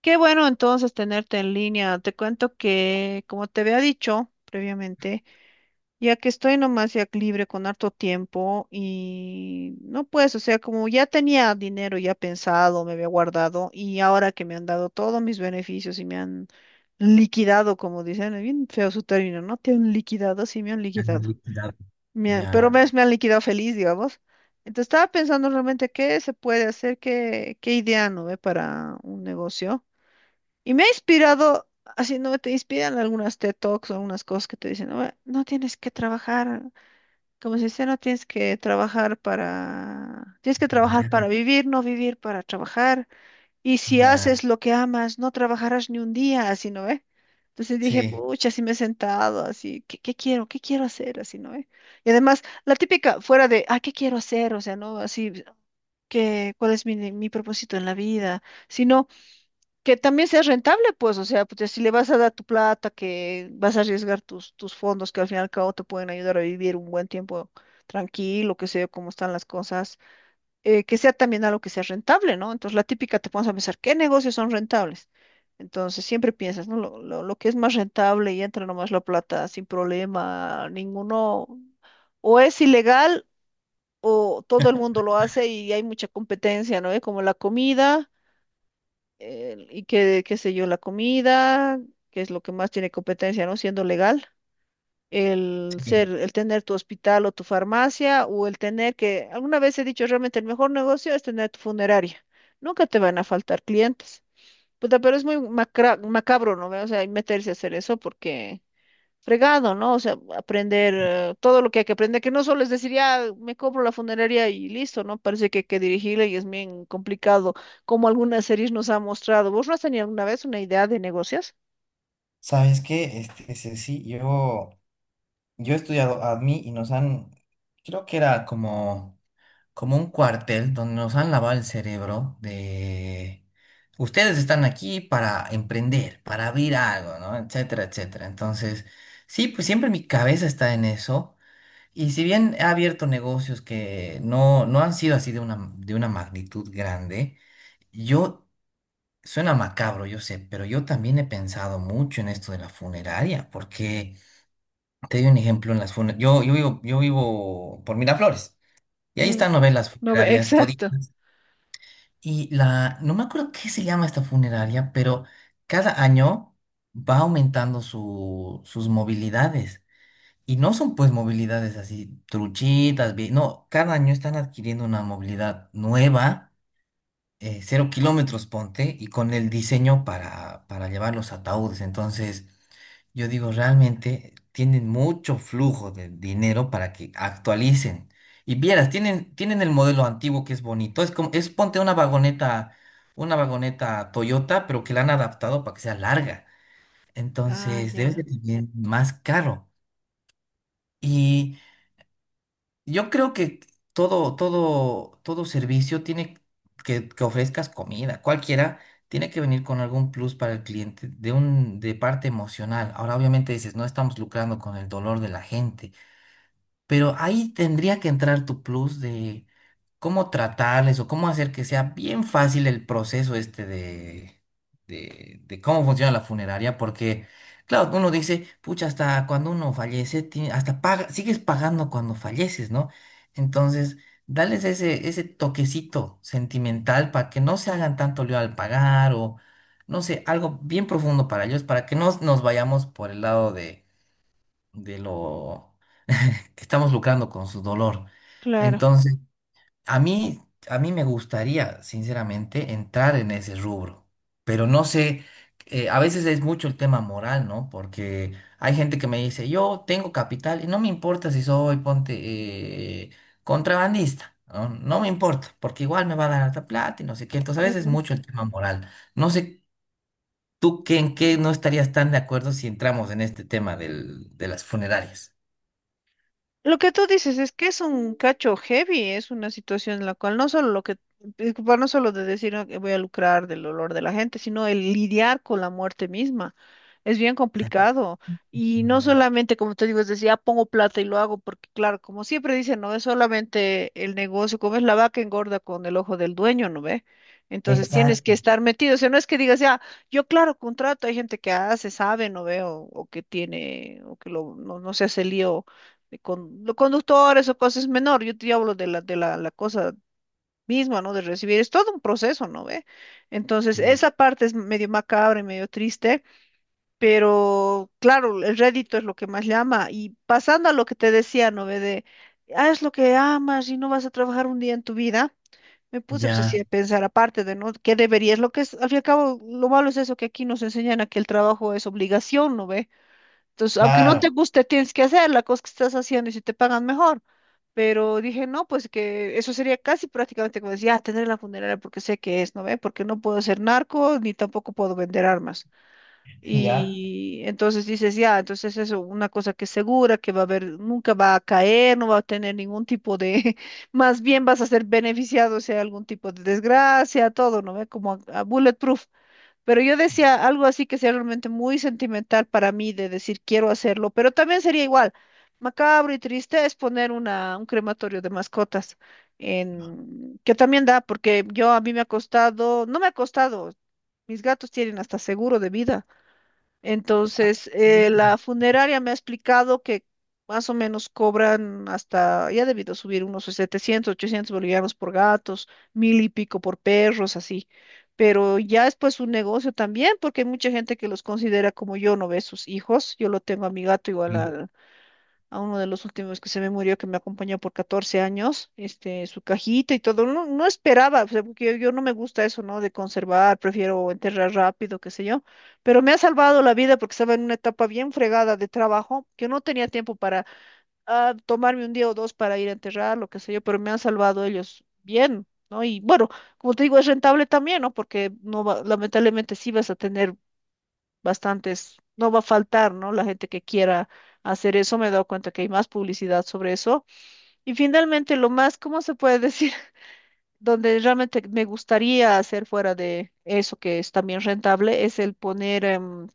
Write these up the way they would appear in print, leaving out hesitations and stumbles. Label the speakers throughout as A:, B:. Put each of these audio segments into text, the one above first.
A: Qué bueno entonces tenerte en línea. Te cuento que, como te había dicho previamente, ya que estoy nomás ya libre con harto tiempo y no pues, o sea, como ya tenía dinero ya pensado, me había guardado y ahora que me han dado todos mis beneficios y me han liquidado, como dicen, es bien feo su término, ¿no? Te han liquidado, sí, me han
B: Han
A: liquidado.
B: liquidado.
A: Me han- pero
B: Ya,
A: me, me han liquidado feliz, digamos. Entonces estaba pensando realmente qué se puede hacer, qué idea, ¿no ve? Para un negocio. Y me ha inspirado, así no, te inspiran algunas TED Talks o algunas cosas que te dicen, no, no tienes que trabajar, como se dice, no tienes que trabajar para, tienes que trabajar para vivir, no vivir para trabajar. Y si
B: ya,
A: haces lo que amas, no trabajarás ni un día, así no, Entonces dije,
B: sí,
A: pucha, así me he sentado, así, ¿qué quiero? ¿Qué quiero hacer? Así, ¿no? Y además, la típica, fuera de, ¿qué quiero hacer? O sea, ¿no? Así, que, ¿cuál es mi propósito en la vida? Sino, que también sea rentable, pues, o sea, pues, si le vas a dar tu plata, que vas a arriesgar tus fondos, que al fin y al cabo te pueden ayudar a vivir un buen tiempo tranquilo, que sea cómo están las cosas, que sea también algo que sea rentable, ¿no? Entonces, la típica te pones a pensar, ¿qué negocios son rentables? Entonces, siempre piensas, ¿no? Lo que es más rentable y entra nomás la plata sin problema, ninguno, o es ilegal. O todo el mundo lo hace y hay mucha competencia, ¿no? Como la comida, y qué sé yo, la comida, que es lo que más tiene competencia, ¿no? Siendo legal, el
B: sí.
A: ser, el tener tu hospital o tu farmacia, o el tener que, alguna vez he dicho, realmente el mejor negocio es tener tu funeraria. Nunca te van a faltar clientes. Puta, pero es muy macabro, ¿no? O sea, meterse a hacer eso porque fregado, ¿no? O sea, aprender todo lo que hay que aprender, que no solo es decir, ya me compro la funeraria y listo, ¿no? Parece que hay que dirigirle y es bien complicado, como algunas series nos han mostrado. ¿Vos no has tenido alguna vez una idea de negocios?
B: ¿Sabes qué? Ceci, yo he estudiado ADMI y nos han, creo que era como un cuartel donde nos han lavado el cerebro de, ustedes están aquí para emprender, para abrir algo, ¿no? Etcétera, etcétera. Entonces, sí, pues siempre mi cabeza está en eso. Y si bien he abierto negocios que no, no han sido así de una magnitud grande, yo... Suena macabro, yo sé, pero yo también he pensado mucho en esto de la funeraria, porque te doy un ejemplo en las funerarias. Yo vivo, yo vivo por Miraflores y ahí
A: Mm,
B: están novelas
A: no, ve-
B: funerarias
A: exacto.
B: toditas. Y la, no me acuerdo qué se llama esta funeraria, pero cada año va aumentando sus movilidades. Y no son pues movilidades así truchitas, no, cada año están adquiriendo una movilidad nueva cero kilómetros, ponte, y con el diseño para llevar los ataúdes. Entonces, yo digo, realmente tienen mucho flujo de dinero para que actualicen. Y vieras, tienen el modelo antiguo que es bonito. Es como, es ponte una vagoneta Toyota, pero que la han adaptado para que sea larga.
A: Ah,
B: Entonces, debe
A: ya,
B: ser también más caro. Y yo creo que todo servicio tiene que ofrezcas comida, cualquiera, tiene que venir con algún plus para el cliente, de parte emocional. Ahora, obviamente dices, no estamos lucrando con el dolor de la gente. Pero ahí tendría que entrar tu plus de cómo tratarles o cómo hacer que sea bien fácil el proceso este de cómo funciona la funeraria, porque claro, uno dice, pucha, hasta cuando uno fallece, hasta paga, sigues pagando cuando falleces, ¿no? Entonces, dales ese toquecito sentimental para que no se hagan tanto lío al pagar o, no sé, algo bien profundo para ellos, para que no nos vayamos por el lado de lo que estamos lucrando con su dolor.
A: claro.
B: Entonces, a mí, a mí me gustaría, sinceramente, entrar en ese rubro, pero no sé, a veces es mucho el tema moral, ¿no? Porque hay gente que me dice, yo tengo capital y no me importa si soy, ponte, eh, contrabandista, ¿no? No me importa, porque igual me va a dar alta plata y no sé qué. Entonces, a veces es mucho el tema moral. No sé. ¿Tú qué, en qué no estarías tan de acuerdo si entramos en este tema de las funerarias?
A: Lo que tú dices es que es un cacho heavy, es una situación en la cual no solo lo que, preocupar no solo de decir "Ah, que voy a lucrar del dolor de la gente, sino el lidiar con la muerte misma. Es bien complicado. Y no
B: Mm,
A: solamente, como te digo, es decir, ya pongo plata y lo hago, porque claro, como siempre dicen, no es solamente el negocio, como es la vaca engorda con el ojo del dueño, ¿no ve? Entonces tienes que
B: exacto.
A: estar metido. O sea, no es que digas, ya, yo claro, contrato, hay gente que hace, sabe, ¿no ve? O que tiene, o que lo, no, no se hace lío de con, los conductores o cosas es menor, yo te hablo de la cosa misma, ¿no? De recibir, es todo un proceso, ¿no ve? Entonces,
B: Ye-
A: esa parte es medio macabra y medio triste, pero claro, el rédito es lo que más llama. Y pasando a lo que te decía, ¿no ve? De, haz lo que amas y no vas a trabajar un día en tu vida. Me puse pues, así
B: Ya,
A: a pensar, aparte de, ¿no? ¿Qué deberías? Lo que es, al fin y al cabo, lo malo es eso que aquí nos enseñan a que el trabajo es obligación, ¿no ve? Entonces, aunque no te
B: claro,
A: guste, tienes que hacer la cosa que estás haciendo y si te pagan mejor. Pero dije, no, pues que eso sería casi prácticamente como decir, ah, tener la funeraria porque sé que es, ¿no ve? Porque no puedo ser narco ni tampoco puedo vender armas.
B: ya.
A: Y entonces dices, ya, entonces eso, una cosa que es segura, que va a haber, nunca va a caer, no va a tener ningún tipo de, más bien vas a ser beneficiado si hay algún tipo de desgracia, todo, ¿no ve? Como a bulletproof. Pero yo decía algo así que sea realmente muy sentimental para mí de decir quiero hacerlo, pero también sería igual, macabro y triste es poner una, un crematorio de mascotas, en, que también da, porque yo a mí me ha costado, no me ha costado, mis gatos tienen hasta seguro de vida. Entonces,
B: Sí.
A: la funeraria me ha explicado que más o menos cobran hasta, ya ha debido subir unos 700 800 bolivianos por gatos, mil y pico por perros, así. Pero ya es pues un negocio también, porque hay mucha gente que los considera como yo, no ve sus hijos. Yo lo tengo a mi gato igual
B: Sí,
A: al, a uno de los últimos que se me murió, que me acompañó por 14 años, este, su cajita y todo. No, no esperaba, o sea, porque yo no me gusta eso, ¿no? De conservar, prefiero enterrar rápido, qué sé yo. Pero me ha salvado la vida porque estaba en una etapa bien fregada de trabajo, que no tenía tiempo para tomarme un día o dos para ir a enterrar, lo que sé yo, pero me han salvado ellos bien. ¿No? Y bueno, como te digo, es rentable también, ¿no? Porque no va- lamentablemente sí vas a tener bastantes, no va a faltar, ¿no? La gente que quiera hacer eso, me he dado cuenta que hay más publicidad sobre eso. Y finalmente, lo más, ¿cómo se puede decir? Donde realmente me gustaría hacer fuera de eso, que es también rentable, es el poner,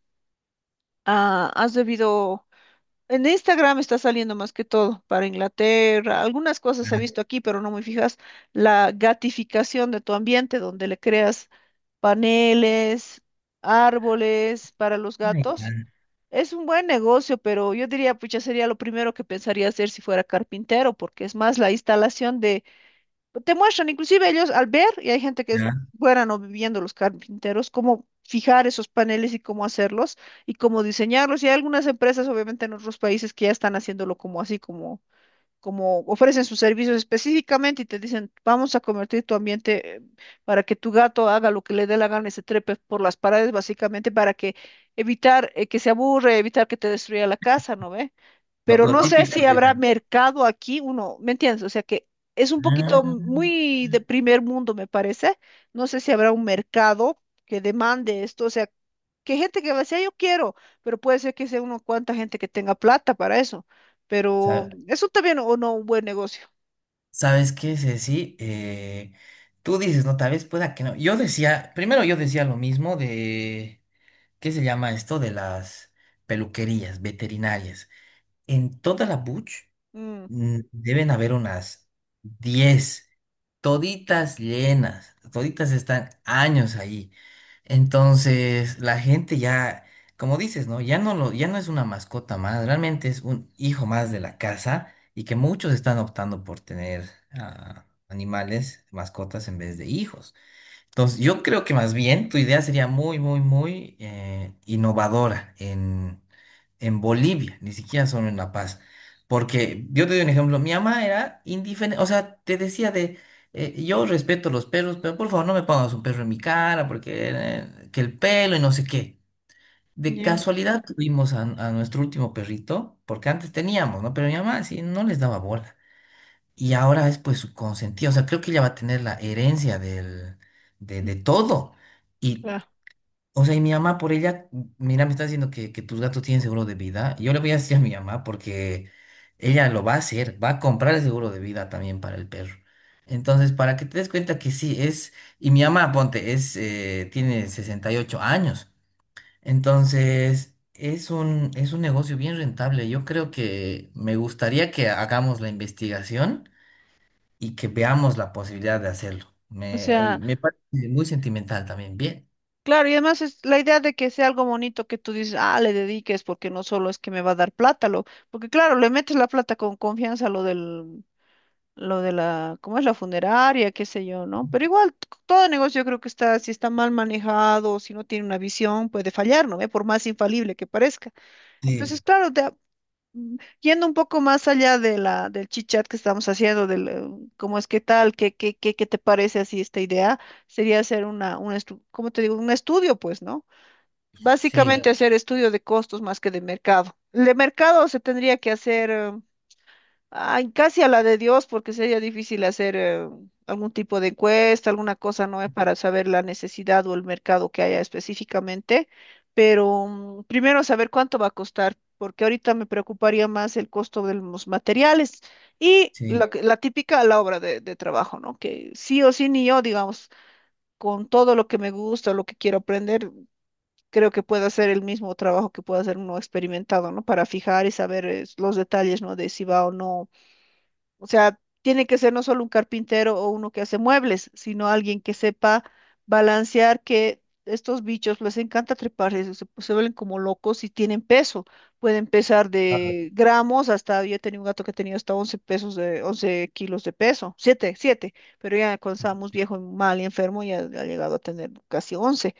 A: has debido... En Instagram está saliendo más que todo para Inglaterra. Algunas cosas he
B: ah,
A: visto aquí, pero no muy fijas. La gatificación de tu ambiente, donde le creas paneles, árboles para los
B: ya,
A: gatos es un buen negocio, pero yo diría, pucha, sería lo primero que pensaría hacer si fuera carpintero, porque es más la instalación de... pues, te muestran, inclusive ellos al ver, y hay gente que es
B: ya.
A: buena no viviendo los carpinteros, cómo fijar esos paneles y cómo hacerlos y cómo diseñarlos. Y hay algunas empresas, obviamente, en otros países que ya están haciéndolo como así, como ofrecen sus servicios específicamente y te dicen, vamos a convertir tu ambiente para que tu gato haga lo que le dé la gana y se trepe por las paredes, básicamente para que evitar que se aburre, evitar que te destruya la casa, ¿no ve?
B: Lo,
A: Pero
B: lo
A: no sé
B: típico
A: si habrá
B: de...
A: mercado aquí, uno, ¿me entiendes? O sea que es un
B: Ah,
A: poquito muy de primer mundo, me parece. No sé si habrá un mercado que demande esto, o sea, que gente que va a decir, "Ah, yo quiero, pero puede ser que sea uno cuanta gente que tenga plata para eso, pero
B: sa-
A: eso también o no un buen negocio.
B: ¿sabes qué es así? Tú dices, no, tal vez pueda que no. Yo decía, primero yo decía lo mismo de, ¿qué se llama esto? De las peluquerías veterinarias. En toda la Buch.
A: Mm,
B: Mm, deben haber unas 10 toditas llenas, toditas están años ahí. Entonces, la gente ya, como dices, ¿no? Ya no lo, ya no es una mascota más, realmente es un hijo más de la casa y que muchos están optando por tener animales, mascotas en vez de hijos. Entonces, yo creo que más bien tu idea sería muy innovadora en Bolivia, ni siquiera solo en La Paz. Porque yo te doy un ejemplo, mi mamá era indiferente, o sea, te decía de, yo respeto los perros, pero por favor no me pongas un perro en mi cara, porque que el pelo y no sé qué. De
A: ya,
B: casualidad tuvimos a nuestro último perrito, porque antes teníamos, ¿no? Pero mi mamá sí no les daba bola. Y ahora es pues su consentida, o sea, creo que ella va a tener la herencia de todo. Y,
A: claro.
B: o sea, y mi mamá por ella, mira, me está diciendo que tus gatos tienen seguro de vida. Yo le voy a decir a mi mamá porque ella lo va a hacer, va a comprar el seguro de vida también para el perro. Entonces, para que te des cuenta que sí, es, y mi mamá, ponte, es, tiene 68 años. Entonces, es un negocio bien rentable. Yo creo que me gustaría que hagamos la investigación y que veamos la posibilidad de hacerlo.
A: O
B: Me, y
A: sea,
B: me parece muy sentimental también. Bien.
A: claro, y además es la idea de que sea algo bonito que tú dices, ah, le dediques, porque no solo es que me va a dar plata, lo, porque claro, le metes la plata con confianza a lo del lo de la, ¿cómo es la funeraria? Qué sé yo, ¿no? Pero igual, todo negocio yo creo que está, si está mal manejado, si no tiene una visión, puede fallar, ¿no? ve? Por más infalible que parezca.
B: Sí,
A: Entonces, claro, yendo un poco más allá de la, del chichat que estamos haciendo, del cómo es qué tal, qué te parece así esta idea, sería hacer un ¿cómo te digo? Un estudio, pues, ¿no? Básicamente
B: sí,
A: claro, hacer estudio de costos más que de mercado. El de mercado se tendría que hacer. Ay, casi a la de Dios, porque sería difícil hacer algún tipo de encuesta, alguna cosa, ¿no? Para saber la necesidad o el mercado que haya específicamente. Pero primero saber cuánto va a costar, porque ahorita me preocuparía más el costo de los materiales y
B: sí.
A: la típica, la obra de trabajo, ¿no? Que sí o sí, ni yo, digamos, con todo lo que me gusta, lo que quiero aprender, creo que puedo hacer el mismo trabajo que puede hacer uno experimentado, ¿no? Para fijar y saber los detalles, ¿no? De si va o no, o sea, tiene que ser no solo un carpintero o uno que hace muebles, sino alguien que sepa balancear que estos bichos les encanta trepar, se vuelven como locos y tienen peso. Pueden pesar
B: Ah,
A: de gramos hasta, yo tenía un gato que tenía hasta 11 pesos de, 11 kilos de peso, 7 7, pero ya cuando estábamos viejo, mal y enfermo, ya ha llegado a tener casi 11.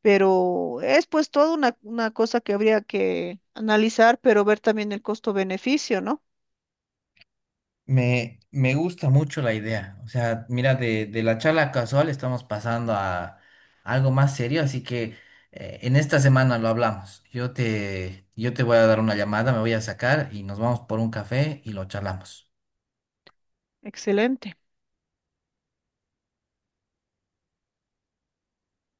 A: Pero es pues toda una cosa que habría que analizar, pero ver también el costo-beneficio, ¿no?
B: me gusta mucho la idea. O sea, mira, de la charla casual estamos pasando a algo más serio, así que en esta semana lo hablamos. Yo te voy a dar una llamada, me voy a sacar y nos vamos por un café y lo charlamos.
A: Excelente.